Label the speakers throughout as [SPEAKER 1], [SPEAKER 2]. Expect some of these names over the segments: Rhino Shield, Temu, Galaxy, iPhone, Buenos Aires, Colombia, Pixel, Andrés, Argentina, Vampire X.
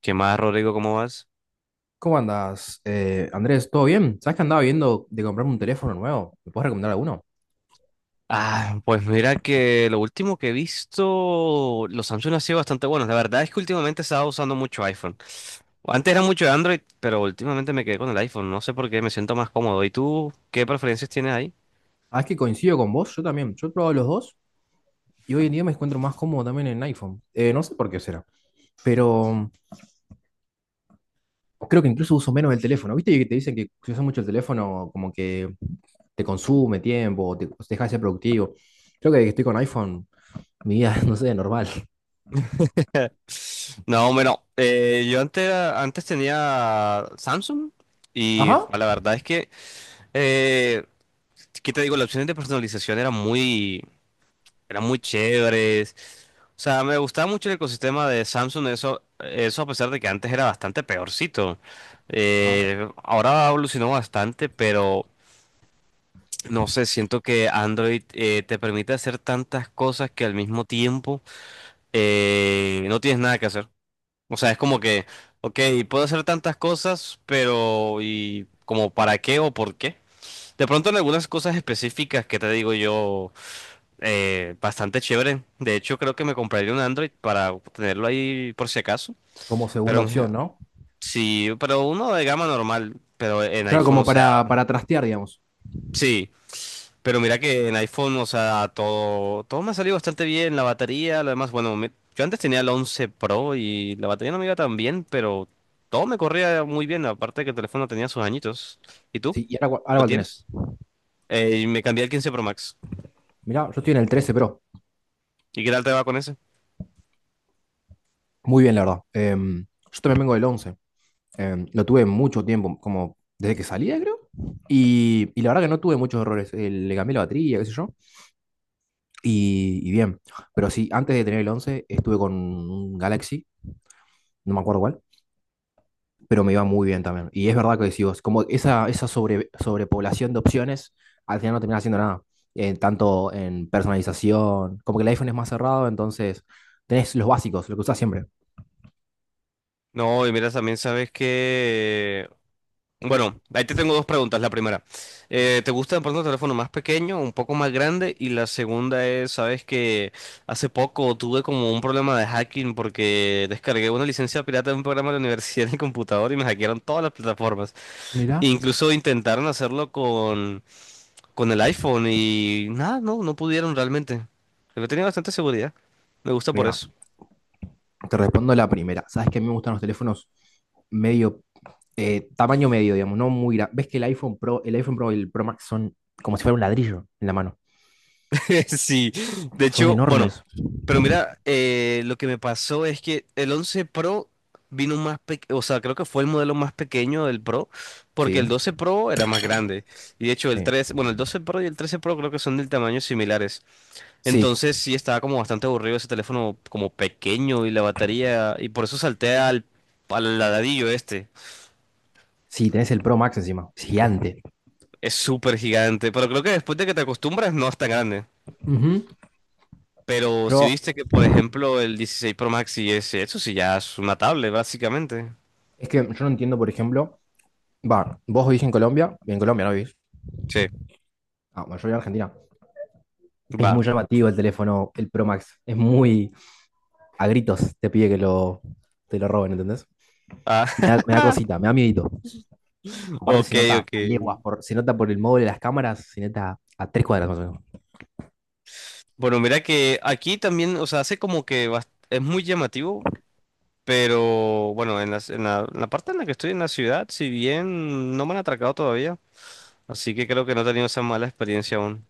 [SPEAKER 1] ¿Qué más, Rodrigo? ¿Cómo vas?
[SPEAKER 2] ¿Cómo andas, Andrés? ¿Todo bien? ¿Sabes que andaba viendo de comprarme un teléfono nuevo? ¿Me puedes recomendar alguno?
[SPEAKER 1] Ah, pues mira que lo último que he visto, los Samsung han sido bastante buenos. La verdad es que últimamente he estado usando mucho iPhone. Antes era mucho de Android, pero últimamente me quedé con el iPhone. No sé por qué, me siento más cómodo. ¿Y tú qué preferencias tienes ahí?
[SPEAKER 2] Ah, es que coincido con vos. Yo también. Yo he probado los dos y hoy en día me encuentro más cómodo también en iPhone. No sé por qué será, pero creo que incluso uso menos el teléfono. ¿Viste que te dicen que si usas mucho el teléfono, como que te consume tiempo, o te deja de ser productivo? Creo que desde que estoy con iPhone, mi vida, no sé, normal.
[SPEAKER 1] No, bueno, yo antes, antes tenía Samsung y
[SPEAKER 2] Ajá.
[SPEAKER 1] jo, la verdad es que, eh, ¿qué te digo? Las opciones de personalización eran muy chéveres. O sea, me gustaba mucho el ecosistema de Samsung, eso a pesar de que antes era bastante peorcito.
[SPEAKER 2] Ajá.
[SPEAKER 1] Ahora evolucionó bastante, pero no sé, siento que Android te permite hacer tantas cosas que, al mismo tiempo, no tienes nada que hacer. O sea, es como que, ok, puedo hacer tantas cosas, pero ¿y como para qué o por qué? De pronto en algunas cosas específicas que te digo yo, bastante chévere. De hecho, creo que me compraría un Android para tenerlo ahí por si acaso.
[SPEAKER 2] Como
[SPEAKER 1] Pero
[SPEAKER 2] segunda
[SPEAKER 1] en-
[SPEAKER 2] opción, ¿no?
[SPEAKER 1] sí, pero uno de gama normal, pero en
[SPEAKER 2] Claro,
[SPEAKER 1] iPhone,
[SPEAKER 2] como
[SPEAKER 1] o sea,
[SPEAKER 2] para trastear, digamos.
[SPEAKER 1] sí. Pero mira que en iPhone, o sea, todo me ha salido bastante bien. La batería, lo demás, bueno, yo antes tenía el 11 Pro y la batería no me iba tan bien, pero todo me corría muy bien. Aparte que el teléfono tenía sus añitos. ¿Y tú?
[SPEAKER 2] Sí, y ahora
[SPEAKER 1] ¿Lo
[SPEAKER 2] cuál tenés.
[SPEAKER 1] tienes? Y me cambié al 15 Pro Max.
[SPEAKER 2] Mirá, yo estoy en el 13 Pro.
[SPEAKER 1] ¿Y qué tal te va con ese?
[SPEAKER 2] Muy bien, la verdad. Yo también vengo del 11. Lo tuve mucho tiempo, como desde que salía, creo. Y la verdad que no tuve muchos errores. Le cambié la batería, qué sé yo. Y bien. Pero sí, antes de tener el 11 estuve con un Galaxy, no me acuerdo cuál, pero me iba muy bien también. Y es verdad que decís vos, como esa sobrepoblación de opciones, al final no terminás haciendo nada. Tanto en personalización, como que el iPhone es más cerrado, entonces tenés los básicos, lo que usás siempre.
[SPEAKER 1] No, y mira, también sabes que, bueno, ahí te tengo dos preguntas. La primera, ¿te gusta de pronto un teléfono más pequeño, un poco más grande? Y la segunda es, sabes que hace poco tuve como un problema de hacking porque descargué una licencia pirata de un programa de la universidad en el computador y me hackearon todas las plataformas.
[SPEAKER 2] Mira,
[SPEAKER 1] Incluso intentaron hacerlo con el iPhone y nada, no, no pudieron realmente. Pero tenía bastante seguridad. Me gusta por
[SPEAKER 2] Mirá,
[SPEAKER 1] eso.
[SPEAKER 2] te respondo la primera. Sabes que a mí me gustan los teléfonos medio, tamaño medio, digamos, no muy grande. Ves que el iPhone Pro y el Pro Max son como si fuera un ladrillo en la mano.
[SPEAKER 1] Sí, de
[SPEAKER 2] Son
[SPEAKER 1] hecho, bueno.
[SPEAKER 2] enormes.
[SPEAKER 1] Pero mira, lo que me pasó es que el 11 Pro vino más pequeño, o sea, creo que fue el modelo más pequeño del Pro, porque el
[SPEAKER 2] Sí,
[SPEAKER 1] 12 Pro era más grande. Y de hecho el
[SPEAKER 2] sí.
[SPEAKER 1] 13, bueno, el 12 Pro y el 13 Pro creo que son del tamaño similares.
[SPEAKER 2] Sí,
[SPEAKER 1] Entonces sí estaba como bastante aburrido ese teléfono, como pequeño, y la batería, y por eso salté al ladrillo este.
[SPEAKER 2] sí, tenés el Pro Max encima. Gigante.
[SPEAKER 1] Es súper gigante, pero creo que después de que te acostumbras no es tan grande.
[SPEAKER 2] Ujú.
[SPEAKER 1] Pero si
[SPEAKER 2] Yo,
[SPEAKER 1] viste que, por ejemplo, el 16 Pro Max y ese, eso sí ya es una tablet, básicamente.
[SPEAKER 2] es que yo no entiendo, por ejemplo, va, vos vivís en Colombia no vivís.
[SPEAKER 1] Sí.
[SPEAKER 2] Ah, bueno, yo vivo en Argentina. Es
[SPEAKER 1] Va.
[SPEAKER 2] muy llamativo el teléfono, el Pro Max. Es muy a gritos te pide que lo, te lo roben, ¿entendés?
[SPEAKER 1] Ah,
[SPEAKER 2] Me da, me da cosita, me da miedito. Aparte
[SPEAKER 1] ok,
[SPEAKER 2] se nota
[SPEAKER 1] ok.
[SPEAKER 2] a leguas, se nota por el móvil de las cámaras, se nota a tres cuadras más o menos.
[SPEAKER 1] Bueno, mira que aquí también, o sea, hace como que es muy llamativo, pero bueno, en la parte en la que estoy en la ciudad, si bien no me han atracado todavía, así que creo que no he tenido esa mala experiencia aún.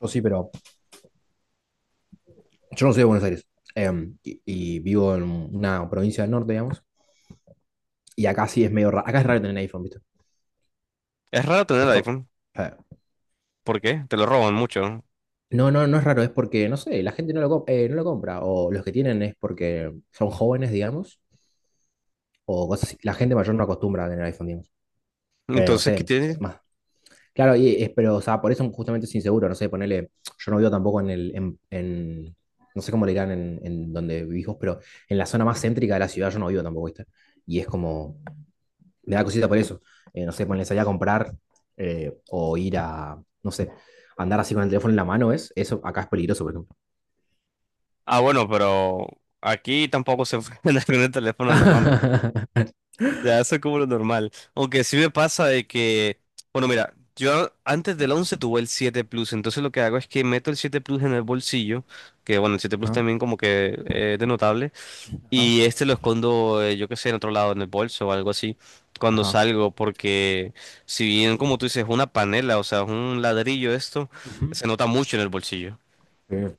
[SPEAKER 2] Yo sí, pero yo no soy de Buenos Aires. Y vivo en una provincia del norte, digamos. Y acá sí es medio raro. Acá es raro tener iPhone, ¿viste?
[SPEAKER 1] Es raro tener el
[SPEAKER 2] Es como.
[SPEAKER 1] iPhone.
[SPEAKER 2] eh,
[SPEAKER 1] ¿Por qué? Te lo roban mucho, ¿no?
[SPEAKER 2] No, no, no es raro, es porque, no sé, la gente no lo compra. O los que tienen es porque son jóvenes, digamos. O cosas así. La gente mayor no acostumbra a tener iPhone, digamos. No
[SPEAKER 1] Entonces, ¿qué
[SPEAKER 2] sé,
[SPEAKER 1] tiene?
[SPEAKER 2] más. Claro, pero, o sea, por eso justamente es inseguro, no sé, ponele, yo no vivo tampoco en el, en- no sé cómo le dirán en donde vivís vos, pero en la zona más céntrica de la ciudad yo no vivo tampoco, ¿viste? Y es como, me da cosita por eso. No sé, ponele salir a comprar o ir a, no sé, andar así con el teléfono en la mano, ¿es? Eso acá es peligroso, por ejemplo.
[SPEAKER 1] Ah, bueno, pero aquí tampoco se puede andar con el teléfono en la mano. Ya, eso es como lo normal. Aunque sí me pasa de que, bueno, mira, yo antes del 11 tuve el 7 Plus, entonces lo que hago es que meto el 7 Plus en el bolsillo, que, bueno, el 7 Plus
[SPEAKER 2] Ajá,
[SPEAKER 1] también como que, es de notable,
[SPEAKER 2] ajá.
[SPEAKER 1] y este lo escondo, yo qué sé, en otro lado, en el bolso o algo así, cuando
[SPEAKER 2] Ajá.
[SPEAKER 1] salgo, porque, si bien como tú dices, es una panela, o sea, es un ladrillo esto,
[SPEAKER 2] Ujú.
[SPEAKER 1] se nota mucho en el bolsillo.
[SPEAKER 2] Eh,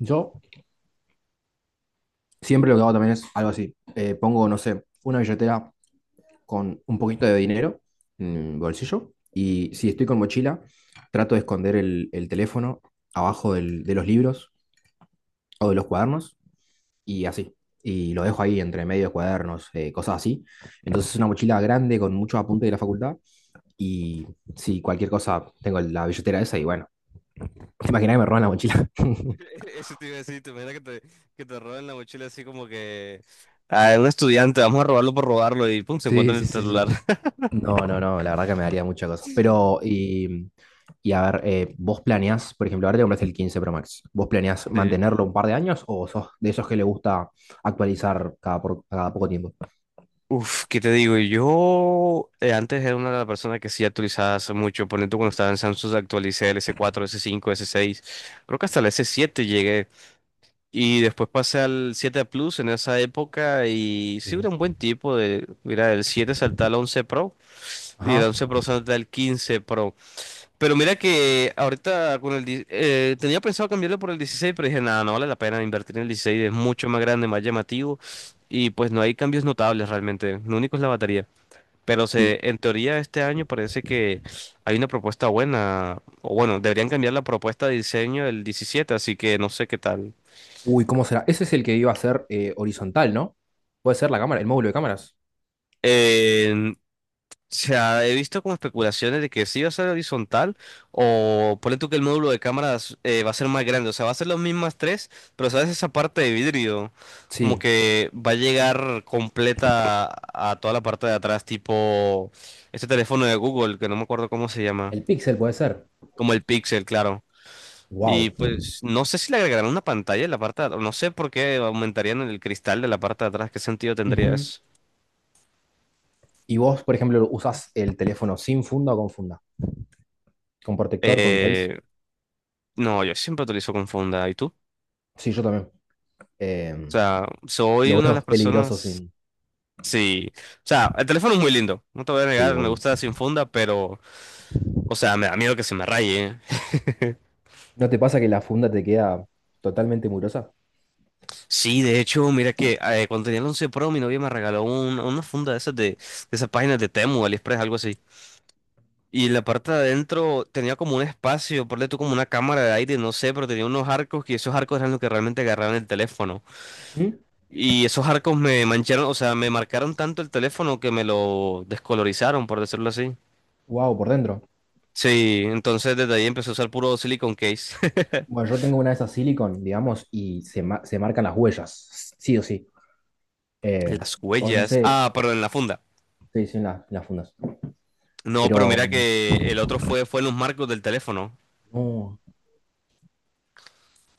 [SPEAKER 2] yo siempre lo que hago también es algo así. Pongo, no sé, una billetera con un poquito de dinero en el bolsillo y si estoy con mochila, trato de esconder el teléfono abajo de los libros o de los cuadernos y así. Y lo dejo ahí entre medio de cuadernos, cosas así. Entonces es una mochila grande con muchos apuntes de la facultad y si cualquier cosa tengo la billetera esa y bueno, imagina que me roban la mochila.
[SPEAKER 1] Eso te iba a decir, te imaginas que te, roben la mochila así, como que a un estudiante, vamos a robarlo por robarlo y pum, se
[SPEAKER 2] Sí,
[SPEAKER 1] encuentra en
[SPEAKER 2] sí,
[SPEAKER 1] el
[SPEAKER 2] sí, sí.
[SPEAKER 1] celular.
[SPEAKER 2] No, no, no, la verdad que me daría mucha cosa.
[SPEAKER 1] Sí.
[SPEAKER 2] Pero, y a ver, vos planeás, por ejemplo, ahora te compraste el 15, Pro Max. ¿Vos planeás mantenerlo un par de años o sos de esos que le gusta actualizar cada poco tiempo?
[SPEAKER 1] Uf, ¿qué te digo? Yo, antes era una de las personas que sí actualizaba hace mucho. Por ejemplo, cuando estaba en Samsung actualicé el S4, S5, S6, creo que hasta el S7 llegué, y después pasé al 7 Plus en esa época, y sí
[SPEAKER 2] Sí.
[SPEAKER 1] era un buen tipo de, mira, el 7, salté al 11 Pro, y el
[SPEAKER 2] Ajá,
[SPEAKER 1] 11 Pro salté al 15 Pro. Pero mira que ahorita con el tenía pensado cambiarlo por el 16, pero dije, nada, no vale la pena invertir en el 16, es mucho más grande, más llamativo, y pues no hay cambios notables realmente, lo único es la batería. Pero
[SPEAKER 2] sí.
[SPEAKER 1] en teoría este año parece que hay una propuesta buena, o, bueno, deberían cambiar la propuesta de diseño del 17, así que no sé qué tal.
[SPEAKER 2] Uy, ¿cómo será? Ese es el que iba a ser horizontal, ¿no? Puede ser la cámara, el módulo de cámaras.
[SPEAKER 1] Eh, O sea, he visto como especulaciones de que sí va a ser horizontal, o ponle tú que el módulo de cámaras va a ser más grande. O sea, va a ser las mismas tres, pero sabes esa parte de vidrio como
[SPEAKER 2] Sí.
[SPEAKER 1] que va a llegar completa a toda la parte de atrás, tipo este teléfono de Google, que no me acuerdo cómo se llama,
[SPEAKER 2] El Pixel puede ser.
[SPEAKER 1] como el Pixel, claro. Y
[SPEAKER 2] Wow.
[SPEAKER 1] pues no sé si le agregarán una pantalla en la parte de atrás, no sé por qué aumentarían el cristal de la parte de atrás, qué sentido tendría
[SPEAKER 2] Ujú.
[SPEAKER 1] eso.
[SPEAKER 2] ¿Y vos, por ejemplo, usás el teléfono sin funda o con funda? ¿Con protector, con case?
[SPEAKER 1] Eh, no, yo siempre utilizo con funda, ¿y tú?
[SPEAKER 2] Sí, yo también.
[SPEAKER 1] O
[SPEAKER 2] Em,
[SPEAKER 1] sea, soy
[SPEAKER 2] lo
[SPEAKER 1] una de las
[SPEAKER 2] veo peligroso
[SPEAKER 1] personas.
[SPEAKER 2] sin.
[SPEAKER 1] Sí. O sea, el teléfono es muy lindo. No te voy a
[SPEAKER 2] Sí,
[SPEAKER 1] negar, me
[SPEAKER 2] obvio.
[SPEAKER 1] gusta sin funda, pero. O sea, me da miedo que se me raye.
[SPEAKER 2] ¿No te pasa que la funda te queda totalmente murosa?
[SPEAKER 1] Sí, de hecho, mira que, cuando tenía el 11 Pro, mi novia me regaló una funda de esas páginas de Temu, AliExpress, algo así. Y la parte de adentro tenía como un espacio, ponle tú como una cámara de aire, no sé, pero tenía unos arcos, que esos arcos eran los que realmente agarraban el teléfono. Y esos arcos me mancharon, o sea, me marcaron tanto el teléfono que me lo descolorizaron, por decirlo así.
[SPEAKER 2] Wow, por dentro.
[SPEAKER 1] Sí, entonces desde ahí empecé a usar puro silicon case.
[SPEAKER 2] Bueno, yo tengo una de esas silicon, digamos, y se marcan las huellas, sí o sí. Eh,
[SPEAKER 1] Las
[SPEAKER 2] o no
[SPEAKER 1] huellas.
[SPEAKER 2] sé,
[SPEAKER 1] Ah, perdón, en la funda.
[SPEAKER 2] te dicen las fundas.
[SPEAKER 1] No, pero
[SPEAKER 2] Pero,
[SPEAKER 1] mira que el otro fue en los marcos del teléfono.
[SPEAKER 2] no.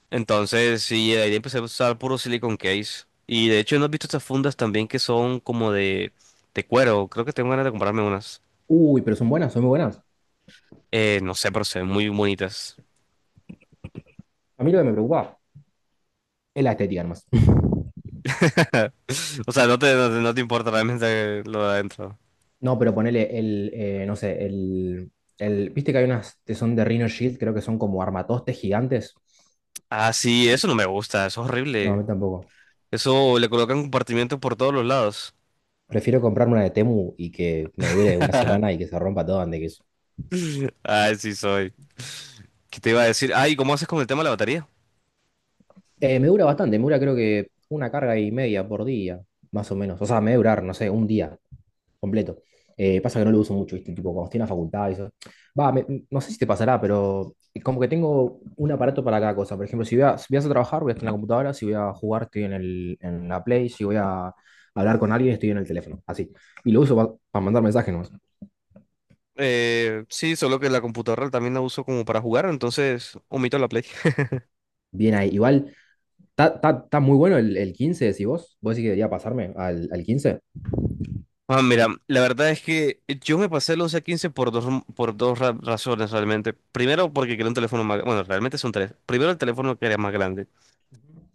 [SPEAKER 1] Entonces, sí, de ahí empecé a usar puro silicon case. Y de hecho, ¿no has visto estas fundas también que son como de, cuero? Creo que tengo ganas de comprarme unas.
[SPEAKER 2] Uy, pero son buenas, son muy buenas.
[SPEAKER 1] No sé, pero se ven muy bonitas.
[SPEAKER 2] A mí lo que me preocupa es la estética nomás.
[SPEAKER 1] O sea, no te importa realmente lo de adentro.
[SPEAKER 2] No, pero ponele el, no sé, el, viste que hay unas que son de Rhino Shield, creo que son como armatostes gigantes.
[SPEAKER 1] Ah, sí, eso no me gusta, eso es
[SPEAKER 2] No, a
[SPEAKER 1] horrible.
[SPEAKER 2] mí tampoco.
[SPEAKER 1] Eso le colocan compartimientos por todos los lados.
[SPEAKER 2] Prefiero comprarme una de Temu y que me dure una semana y que se rompa todo antes que eso.
[SPEAKER 1] Ah, sí soy. ¿Qué te iba a decir? Ay, ¿cómo haces con el tema de la batería?
[SPEAKER 2] Me dura bastante, me dura creo que una carga y media por día, más o menos. O sea, me debe durar, no sé, un día completo. Pasa que no lo uso mucho, ¿viste? Tipo, cuando estoy en la facultad y eso. Va, no sé si te pasará, pero como que tengo un aparato para cada cosa. Por ejemplo, si voy a hacer trabajar, voy a estar en la computadora. Si voy a jugar, estoy en la Play. Si voy a hablar con alguien, estoy en el teléfono. Así. Y lo uso para mandar mensajes nomás.
[SPEAKER 1] Sí, solo que la computadora también la uso como para jugar, entonces omito la Play.
[SPEAKER 2] Bien ahí. Igual está muy bueno el 15, decís vos. ¿Vos decís que debería pasarme al 15?
[SPEAKER 1] Ah, mira, la verdad es que yo me pasé el 11 a 15 por dos razones realmente. Primero, porque quería un teléfono más. Bueno, realmente son tres. Primero, el teléfono, que era más grande.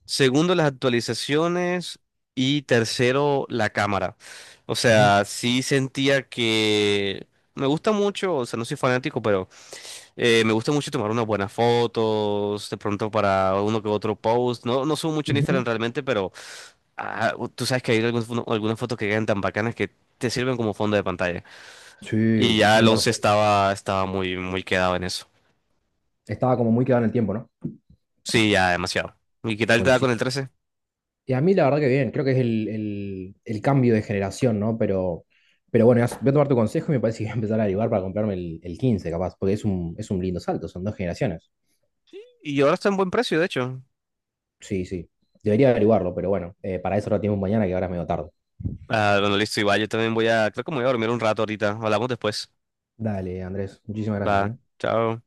[SPEAKER 1] Segundo, las actualizaciones. Y tercero, la cámara. O
[SPEAKER 2] Ujú,
[SPEAKER 1] sea, sí sentía que. Me gusta mucho, o sea, no soy fanático. Me gusta mucho tomar unas buenas fotos, de pronto para uno que otro post. No, no subo mucho en Instagram
[SPEAKER 2] ujú.
[SPEAKER 1] realmente, pero, ah, tú sabes que hay algunas fotos que quedan tan bacanas que te sirven como fondo de pantalla. Y
[SPEAKER 2] Sí,
[SPEAKER 1] ya el 11
[SPEAKER 2] 100%.
[SPEAKER 1] estaba muy, muy quedado en eso.
[SPEAKER 2] Estaba como muy quedado en el tiempo, ¿no?
[SPEAKER 1] Sí, ya demasiado. ¿Y qué tal te da con el
[SPEAKER 2] Coincido.
[SPEAKER 1] trece?
[SPEAKER 2] Y a mí la verdad que bien, creo que es el cambio de generación, ¿no? Pero bueno, voy a tomar tu consejo y me parece que voy a empezar a averiguar para comprarme el 15 capaz, porque es un lindo salto, son dos generaciones.
[SPEAKER 1] Y ahora está en buen precio, de hecho.
[SPEAKER 2] Sí, sí. Debería averiguarlo, pero bueno, para eso lo tenemos mañana que ahora es medio tarde.
[SPEAKER 1] Ah, bueno, listo, Iván, yo también, creo que me voy a dormir un rato ahorita. Hablamos después.
[SPEAKER 2] Dale, Andrés, muchísimas
[SPEAKER 1] Va,
[SPEAKER 2] gracias, ¿eh?
[SPEAKER 1] chao.